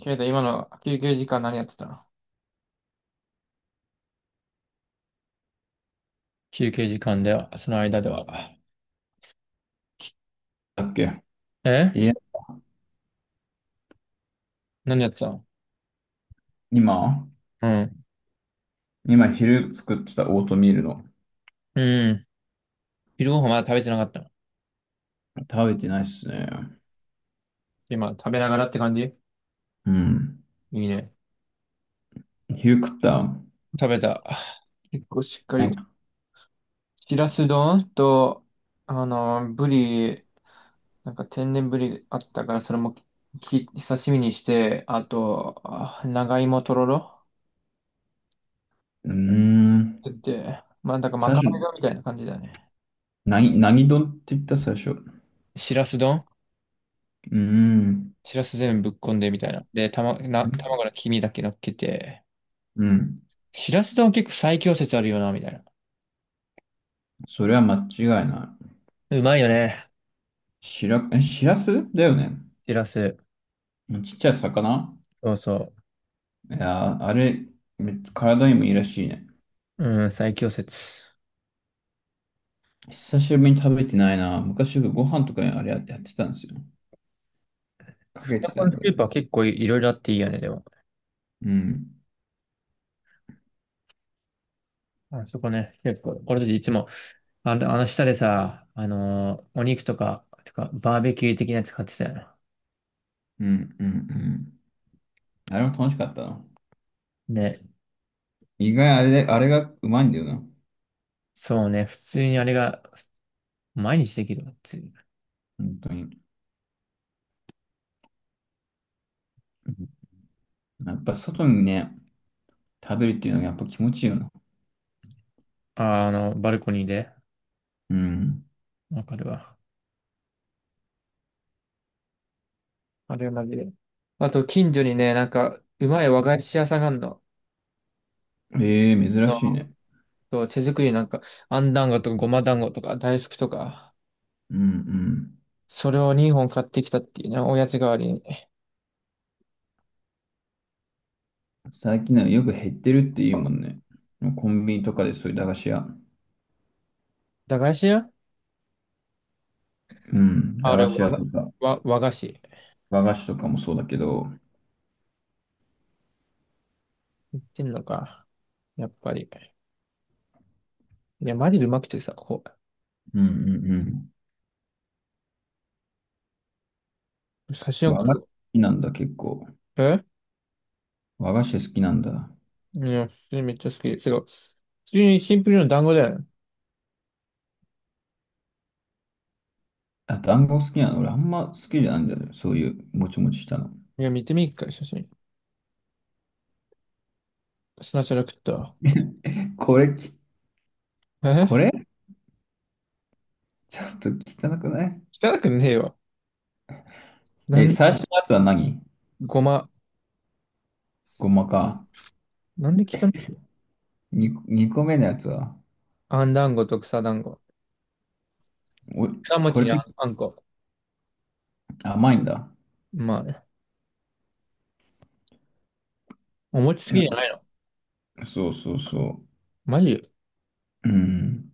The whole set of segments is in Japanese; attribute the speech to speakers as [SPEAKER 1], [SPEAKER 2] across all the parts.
[SPEAKER 1] けれど今の休憩時間何やってたの？休憩時間では、その間では。
[SPEAKER 2] だっけ。
[SPEAKER 1] え？
[SPEAKER 2] いや、
[SPEAKER 1] 何やってたの？
[SPEAKER 2] 今、
[SPEAKER 1] うん。
[SPEAKER 2] 今昼作ってたオートミールの。
[SPEAKER 1] うん。昼ご飯まだ食べてなかったの。
[SPEAKER 2] 食べてないっすね。
[SPEAKER 1] 今、食べながらって感じ？
[SPEAKER 2] うん。
[SPEAKER 1] いいね。
[SPEAKER 2] 昼食った。
[SPEAKER 1] 食べた。結構しっか
[SPEAKER 2] な
[SPEAKER 1] り
[SPEAKER 2] ん
[SPEAKER 1] と。
[SPEAKER 2] か、
[SPEAKER 1] しらす丼と、ブリ、なんか天然ブリあったから、それも刺身にして、あと、あ長芋とろろ
[SPEAKER 2] うーん。
[SPEAKER 1] って言って、まあ、なんかま
[SPEAKER 2] 最
[SPEAKER 1] か
[SPEAKER 2] 初、
[SPEAKER 1] ないがみたいな感じだね。
[SPEAKER 2] 何丼って言った最初。う
[SPEAKER 1] しらす丼。
[SPEAKER 2] ーん。
[SPEAKER 1] しらす全部ぶっこんでみたいな。で、たま、な、卵か黄身だけ乗っけて。
[SPEAKER 2] うん。
[SPEAKER 1] しらす丼結構最強説あるよな、みたいな。
[SPEAKER 2] それは間違いない。
[SPEAKER 1] うまいよね。
[SPEAKER 2] しらすだよね。
[SPEAKER 1] しらす。
[SPEAKER 2] ちっちゃい魚。
[SPEAKER 1] そうそ
[SPEAKER 2] いやー、あれ、体にもいいらしいね。
[SPEAKER 1] う。うん、最強説。
[SPEAKER 2] 久しぶりに食べてないな。昔よくご飯とかにあれやってたんですよ。かけ
[SPEAKER 1] こ
[SPEAKER 2] て
[SPEAKER 1] こ
[SPEAKER 2] た
[SPEAKER 1] のス
[SPEAKER 2] んだよ
[SPEAKER 1] ープは
[SPEAKER 2] ね。
[SPEAKER 1] 結構いろいろあっていいよね、でも。
[SPEAKER 2] うん。
[SPEAKER 1] あそこね、結構、俺たちいつも、あの下でさ、お肉とか、バーベキュー的なやつ買ってたよな。
[SPEAKER 2] うん、うん、あれも楽しかったな。
[SPEAKER 1] ね。
[SPEAKER 2] 意外あれで、あれがうまいんだよな。
[SPEAKER 1] そうね、普通にあれが、毎日できるわっていう。
[SPEAKER 2] 本当に。うん。やっぱ外にね、食べるっていうのがやっぱ気持ちいいよな。
[SPEAKER 1] あ、あの、バルコニーで。
[SPEAKER 2] うん。
[SPEAKER 1] わかるわ。あれマジで。あと、近所にね、なんか、うまい和菓子屋さんがあるの。
[SPEAKER 2] ええ珍しいね。
[SPEAKER 1] そう手作りなんか、あん団子とかごま団子とか大福とか、
[SPEAKER 2] うん
[SPEAKER 1] それを2本買ってきたっていうね、おやつ代わりに。
[SPEAKER 2] うん。最近はよく減ってるって言うもんね。もうコンビニとかでそういう駄菓子屋。
[SPEAKER 1] 駄菓子屋。
[SPEAKER 2] うん。駄
[SPEAKER 1] あれ、
[SPEAKER 2] 菓子
[SPEAKER 1] 和
[SPEAKER 2] 屋と
[SPEAKER 1] が、
[SPEAKER 2] か、
[SPEAKER 1] 和、和菓子。
[SPEAKER 2] 和菓子とかもそうだけど。
[SPEAKER 1] 言ってんのか。やっぱり。いや、マジでうまくてさ、こ
[SPEAKER 2] うんうんうん。
[SPEAKER 1] う、写真
[SPEAKER 2] 和菓
[SPEAKER 1] 送
[SPEAKER 2] 子
[SPEAKER 1] る
[SPEAKER 2] 好
[SPEAKER 1] よ。
[SPEAKER 2] きなんだ、結構。
[SPEAKER 1] え？
[SPEAKER 2] 和菓子好きなんだ。
[SPEAKER 1] いや、普通にめっちゃ好き。すごい。普通にシンプルな団子だよね。
[SPEAKER 2] あ、団子好きなの。俺あんま好きじゃないんだよね。そういうもちもちしたの。
[SPEAKER 1] いや、見てみっか、写真。砂ャラ食ったわ。
[SPEAKER 2] これき、こ
[SPEAKER 1] え？
[SPEAKER 2] れちょっと汚くない？
[SPEAKER 1] 汚くねえよ。なん、
[SPEAKER 2] 最初のやつは何？
[SPEAKER 1] ごま、
[SPEAKER 2] ごまか。
[SPEAKER 1] なんで汚いの？
[SPEAKER 2] 2、二個目のやつは。
[SPEAKER 1] あん団子と草団子。
[SPEAKER 2] お、
[SPEAKER 1] 草
[SPEAKER 2] こ
[SPEAKER 1] 餅
[SPEAKER 2] れ
[SPEAKER 1] に
[SPEAKER 2] 結
[SPEAKER 1] あんこ。
[SPEAKER 2] 構甘いんだ。
[SPEAKER 1] まあ、お餅好きじゃないの。
[SPEAKER 2] そうそうそ
[SPEAKER 1] マジ？
[SPEAKER 2] う。うん。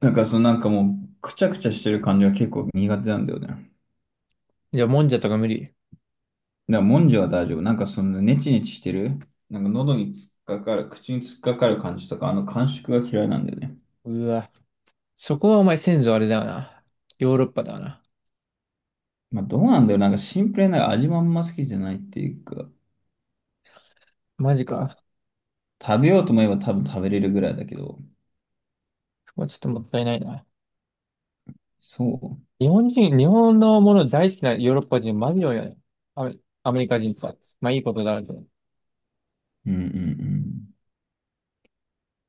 [SPEAKER 2] なんかもう、くちゃくちゃしてる感じが結構苦手なんだよね。だか
[SPEAKER 1] じゃあ、もんじゃとか無理。
[SPEAKER 2] らもんじゃは大丈夫。なんかそのネチネチしてる。なんか喉に突っかかる、口に突っかかる感じとか、あの感触が嫌いなんだよね。
[SPEAKER 1] うわ。そこはお前先祖あれだよな。ヨーロッパだよな。
[SPEAKER 2] まあどうなんだよ。なんかシンプルな味もあんま好きじゃないっていうか、
[SPEAKER 1] マジか。
[SPEAKER 2] 食べようと思えば多分食べれるぐらいだけど。
[SPEAKER 1] そこはちょっともったいないな。
[SPEAKER 2] そ
[SPEAKER 1] 日本のもの大好きなヨーロッパ人マジ多いよね。アメ、アメリカ人とか。まあいいことだなと。
[SPEAKER 2] う。うんうんうん。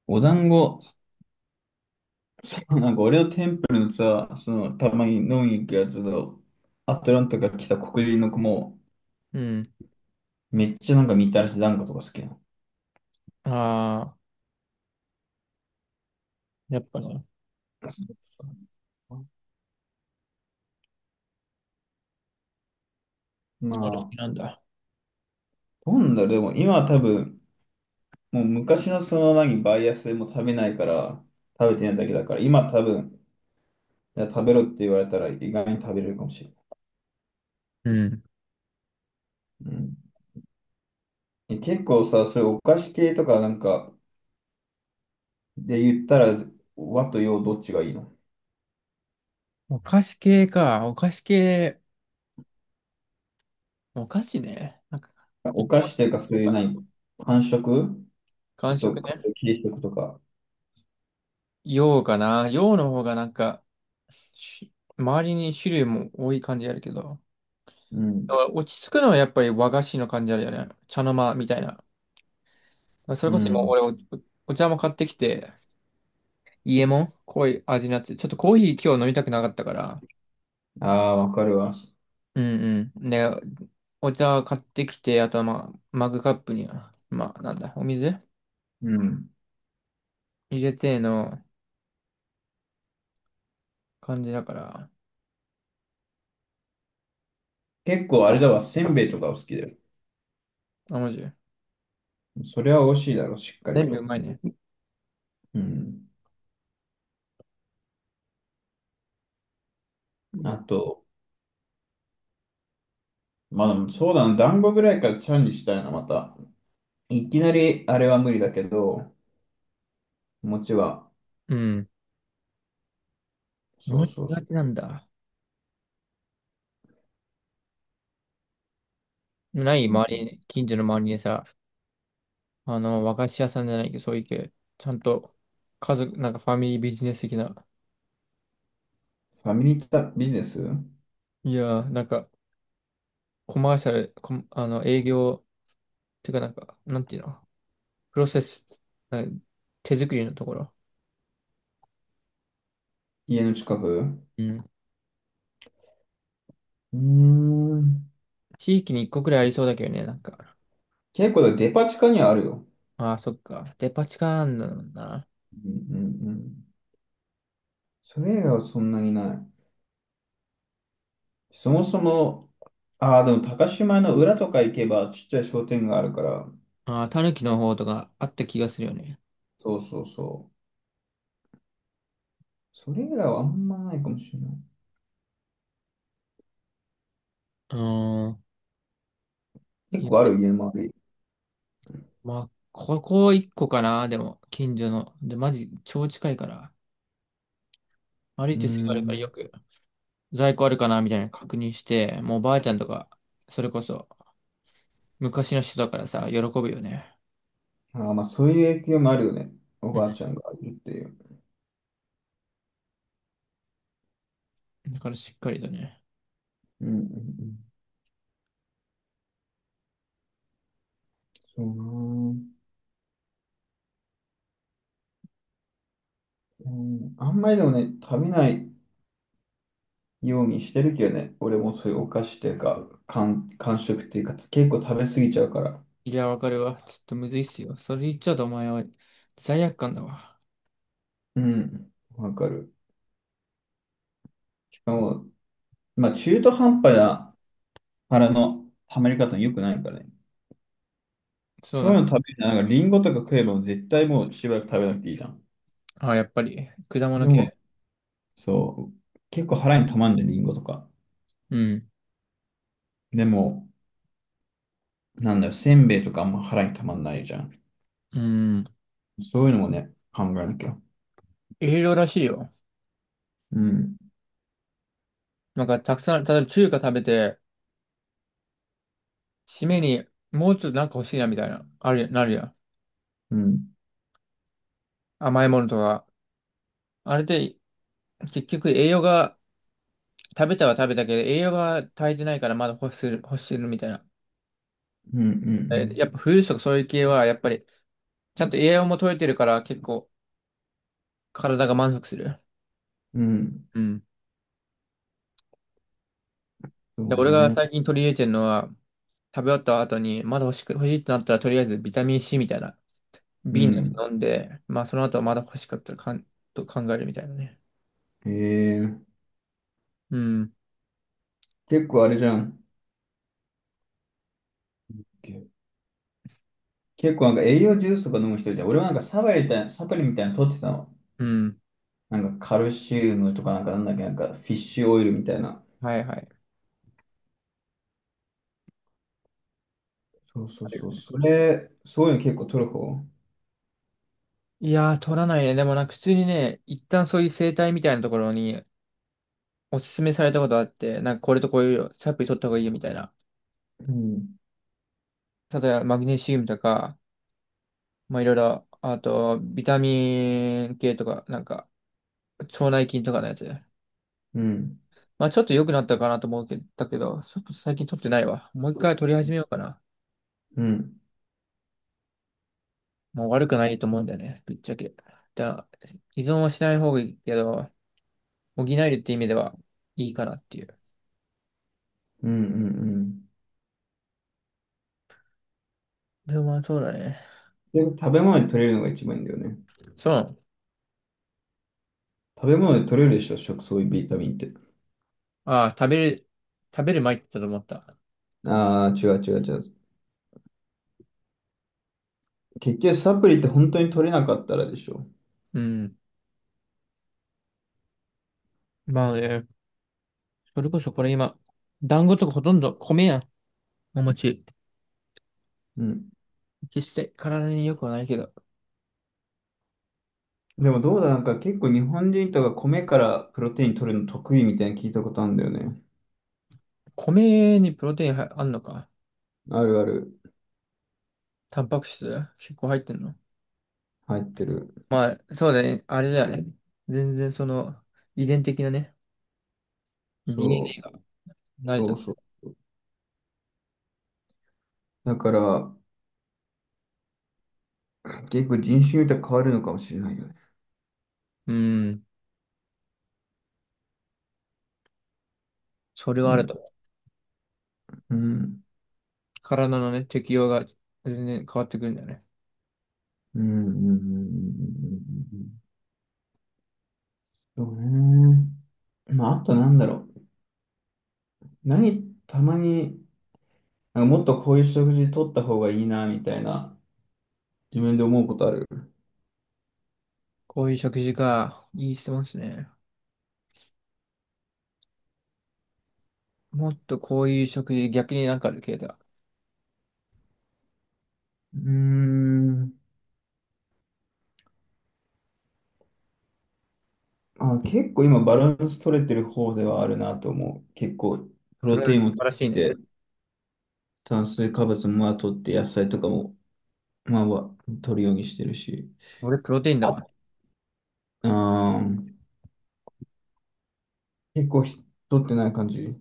[SPEAKER 2] お団子、なんか俺のテンプルのさ、その、たまに飲みに行くやつの、アトランタから来た黒人の子も、
[SPEAKER 1] うん。
[SPEAKER 2] めっちゃなんかみたらし団子とか好きなの。
[SPEAKER 1] ああ、やっぱね、
[SPEAKER 2] ま
[SPEAKER 1] そういうの好きなんだ。
[SPEAKER 2] あ、なんだろう、でも今は多分、もう昔のその何、バイアスでも食べないから、食べてないだけだから、今多分、いや食べろって言われたら意外に食べれるかもしれない。
[SPEAKER 1] うん。
[SPEAKER 2] うん。え結構さ、そういうお菓子系とかなんかで言ったら、和と洋どっちがいいの？
[SPEAKER 1] お菓子系か。お菓子系。お菓子ね。なんか、
[SPEAKER 2] お菓子というかそ
[SPEAKER 1] ど
[SPEAKER 2] う
[SPEAKER 1] う
[SPEAKER 2] いう
[SPEAKER 1] かな。
[SPEAKER 2] 何、感ちょ
[SPEAKER 1] 完
[SPEAKER 2] っ
[SPEAKER 1] 食
[SPEAKER 2] と顔
[SPEAKER 1] ね。
[SPEAKER 2] を切りしておくとか。
[SPEAKER 1] 洋かな。洋の方がなんか、し周りに種類も多い感じあるけど、
[SPEAKER 2] うん。
[SPEAKER 1] 落ち着くのはやっぱり和菓子の感じあるよね。茶の間みたいな。それ
[SPEAKER 2] う
[SPEAKER 1] こそ今
[SPEAKER 2] ん。
[SPEAKER 1] 俺お茶も買ってきて、家も濃い味になって、ちょっとコーヒー今日飲みたくなかったから、
[SPEAKER 2] ああ、わかるわ。
[SPEAKER 1] うんうん。で、お茶買ってきて、あとはまあ、マグカップには、まあなんだ、お水
[SPEAKER 2] うん。
[SPEAKER 1] 入れての感じだから、
[SPEAKER 2] 結構あれだわ、せんべいとかお好きだよ。
[SPEAKER 1] あ、マジ。
[SPEAKER 2] それは美味しいだろ、しっかり
[SPEAKER 1] 全部う
[SPEAKER 2] と。
[SPEAKER 1] まいね。
[SPEAKER 2] うん。あと、まあでもそうだな、団子ぐらいからチャレンジしたいな、また。いきなりあれは無理だけど、餅は。
[SPEAKER 1] うん。
[SPEAKER 2] そ
[SPEAKER 1] も
[SPEAKER 2] う
[SPEAKER 1] ち
[SPEAKER 2] そう
[SPEAKER 1] がち
[SPEAKER 2] そ
[SPEAKER 1] なんだ。ない、
[SPEAKER 2] う。う
[SPEAKER 1] 周
[SPEAKER 2] ん。
[SPEAKER 1] りに、近所の周りにさ、あの、和菓子屋さんじゃないけど、そういう系、ちゃんと、家族、なんかファミリービジネス的な、
[SPEAKER 2] ファミリータビジネス。
[SPEAKER 1] いやー、なんか、コマーシャル、コマあの、営業、てかなんか、なんていうの、プロセス、なんか手作りのところ。
[SPEAKER 2] 家の近く。う
[SPEAKER 1] うん。
[SPEAKER 2] ーん。
[SPEAKER 1] 地域に一個くらいありそうだけどね、なんか。
[SPEAKER 2] 結構だデパ地下にはあるよ。
[SPEAKER 1] ああ、そっか。デパ地下なんだもんな。
[SPEAKER 2] うんうんうん。それ以外はそんなにない。そもそも、ああ、でも高島の裏とか行けばちっちゃい商店があるから、
[SPEAKER 1] ああ、たぬの方とかあった気がするよね。
[SPEAKER 2] そうそうそう。それ以外はあんまないかもしれない。
[SPEAKER 1] うーん。
[SPEAKER 2] 結
[SPEAKER 1] いや
[SPEAKER 2] 構あ
[SPEAKER 1] で、
[SPEAKER 2] る家もある。
[SPEAKER 1] まあ、ここ一個かな、でも、近所の。で、マジ、超近いから。歩
[SPEAKER 2] う
[SPEAKER 1] い
[SPEAKER 2] ー
[SPEAKER 1] てすぐあるからよ
[SPEAKER 2] ん。
[SPEAKER 1] く在庫あるかなみたいなの確認して、もうばあちゃんとか、それこそ昔の人だからさ、喜ぶよね。
[SPEAKER 2] ああ、まあそういう影響もあるよね。お
[SPEAKER 1] う
[SPEAKER 2] ばあ
[SPEAKER 1] ん。
[SPEAKER 2] ちゃんがいるっていう。
[SPEAKER 1] だからしっかりとね。
[SPEAKER 2] うんうんうん。そうなー、うん。あんまりでもね、食べないようにしてるけどね。俺もそういうお菓子っていうか、間食っていうか、結構食べ過ぎちゃうから。
[SPEAKER 1] いや、わかるわ。ちょっとむずいっすよ。それ言っちゃうとお前は罪悪感だわ。
[SPEAKER 2] うん。わかる。しかも、まあ中途半端な腹の溜まり方に良くないからね。
[SPEAKER 1] そう
[SPEAKER 2] そう
[SPEAKER 1] だ
[SPEAKER 2] いう
[SPEAKER 1] ね。
[SPEAKER 2] の食べるなら、なんかリンゴとか食えば絶対もうしばらく食べなくていいじゃん。
[SPEAKER 1] あ、やっぱり、果物
[SPEAKER 2] でも、
[SPEAKER 1] 系。
[SPEAKER 2] そう、結構腹に溜まんじゃん、リンゴとか。
[SPEAKER 1] うん。
[SPEAKER 2] でも、なんだよ、せんべいとかあんま腹に溜まんないじゃん。
[SPEAKER 1] うん。
[SPEAKER 2] そういうのもね、考えなきゃ。
[SPEAKER 1] いろいろらしいよ。
[SPEAKER 2] うん、
[SPEAKER 1] なんかたくさん、例えば中華食べて、締めにもうちょっとなんか欲しいなみたいな、ある、なるやん。
[SPEAKER 2] うん、
[SPEAKER 1] 甘いものとか。あれで、結局栄養が食べたは食べたけど、栄養が足りてないからまだ欲してるみたいな。
[SPEAKER 2] うん、う
[SPEAKER 1] えや
[SPEAKER 2] ん、
[SPEAKER 1] っぱフルーツとかそういう系は、やっぱり、ちゃんと栄養も取れてるから結構体が満足する。
[SPEAKER 2] うん。うん。
[SPEAKER 1] うん。
[SPEAKER 2] そ
[SPEAKER 1] で、
[SPEAKER 2] う
[SPEAKER 1] 俺が
[SPEAKER 2] ね。
[SPEAKER 1] 最近取り入れてるのは、食べ終わった後に、まだ欲しいってなったら、とりあえずビタミン C みたいな、
[SPEAKER 2] う
[SPEAKER 1] 瓶のやつ
[SPEAKER 2] ん。
[SPEAKER 1] 飲んで、まあその後はまだ欲しかったらかん、と考えるみたいなね。
[SPEAKER 2] えー、
[SPEAKER 1] うん。
[SPEAKER 2] 結構あれじゃん。け結構なんか栄養ジュースとか飲む人じゃん。俺はなんかサプリみたいなの取ってたの。
[SPEAKER 1] うん。
[SPEAKER 2] なんかカルシウムとかなんかなんだっけ、なんかフィッシュオイルみたいな。
[SPEAKER 1] はいはい。
[SPEAKER 2] そうそうそう。それ、そういうの結構取る方。
[SPEAKER 1] いやー、取らないね。でもなんか普通にね、一旦そういう生態みたいなところにおすすめされたことあって、なんかこれとこういうサプリ取った方がいいよみたいな。
[SPEAKER 2] うん。
[SPEAKER 1] 例えばマグネシウムとか、まあいろいろ、あとビタミン系とか、なんか腸内菌とかのやつ。
[SPEAKER 2] うん。
[SPEAKER 1] まあちょっと良くなったかなと思うけど、ちょっと最近取ってないわ。もう一回取り始めようかな。
[SPEAKER 2] うん。
[SPEAKER 1] もう悪くないと思うんだよね、ぶっちゃけ。だ、依存はしない方がいいけど、補えるって意味ではいいかなっていう。
[SPEAKER 2] うんうんうん。
[SPEAKER 1] でもまあそうだね。
[SPEAKER 2] で、食べ物で取れるのが一番いいんだよね。
[SPEAKER 1] そう。
[SPEAKER 2] 食べ物で取れるでしょ、食、そういうビタミンって。
[SPEAKER 1] ああ、食べる前って言ったと思った。
[SPEAKER 2] ああ、違う。結局サプリって本当に取れなかったらでしょ。
[SPEAKER 1] うん。まあね。それこそこれ今、団子とかほとんど米やん。お餅。
[SPEAKER 2] うん。
[SPEAKER 1] 決して体に良くはないけど。
[SPEAKER 2] でもどうだ、なんか結構日本人とか米からプロテイン取るの得意みたいに聞いたことあるんだよね。
[SPEAKER 1] 米にプロテインはあんのか？
[SPEAKER 2] あるある。
[SPEAKER 1] タンパク質結構入ってんの？
[SPEAKER 2] 入ってる。
[SPEAKER 1] まあ、そうだね。あれだよね。全然その、遺伝的なね、
[SPEAKER 2] そ
[SPEAKER 1] DNA が
[SPEAKER 2] う。
[SPEAKER 1] 慣れちゃ
[SPEAKER 2] そ
[SPEAKER 1] っ
[SPEAKER 2] う
[SPEAKER 1] た。
[SPEAKER 2] そう。だから、結構人種によっては変わるのかもしれないよね。
[SPEAKER 1] うん。それは
[SPEAKER 2] う
[SPEAKER 1] あると
[SPEAKER 2] ん。
[SPEAKER 1] 思う。
[SPEAKER 2] うん。
[SPEAKER 1] 体のね、適応が全然変わってくるんだよね。
[SPEAKER 2] うん。うん。うんうんうんうん。そうね。まあ、あとなんだろう。何、たまに、なんかもっとこういう食事取った方がいいな、みたいな、自分で思うことある。
[SPEAKER 1] こういう食事か。いい質問ですね。もっとこういう食事、逆になんかある系だ。
[SPEAKER 2] うーん。あ、結構今バランス取れてる方ではあるなと思う。結構、プ
[SPEAKER 1] プ
[SPEAKER 2] ロ
[SPEAKER 1] ロ
[SPEAKER 2] テ
[SPEAKER 1] テイン
[SPEAKER 2] イン
[SPEAKER 1] 素
[SPEAKER 2] も取
[SPEAKER 1] 晴
[SPEAKER 2] っ
[SPEAKER 1] らしいね。
[SPEAKER 2] て、炭水化物もまあ取って、野菜とかも、まあ、まあ取るようにしてるし。
[SPEAKER 1] 俺、プロテインだわ。
[SPEAKER 2] あー、結構ひ取ってない感じ。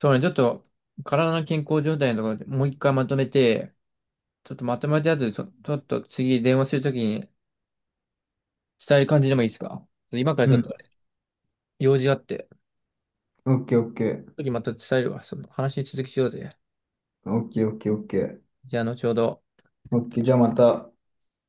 [SPEAKER 1] そうね、ちょっと体の健康状態のところでもう一回まとめて、ちょっとまとめたやつ、ちょっと次電話するときに伝える感じでもいいですか？今から
[SPEAKER 2] う
[SPEAKER 1] ちょっ
[SPEAKER 2] ん。
[SPEAKER 1] と用事があって、
[SPEAKER 2] オッケーオッケー。
[SPEAKER 1] 次また伝えるわ。その話続きしようぜ。
[SPEAKER 2] オッケーオッケーオッケー。
[SPEAKER 1] じゃあ後ほど。
[SPEAKER 2] オッケー。じゃあまた。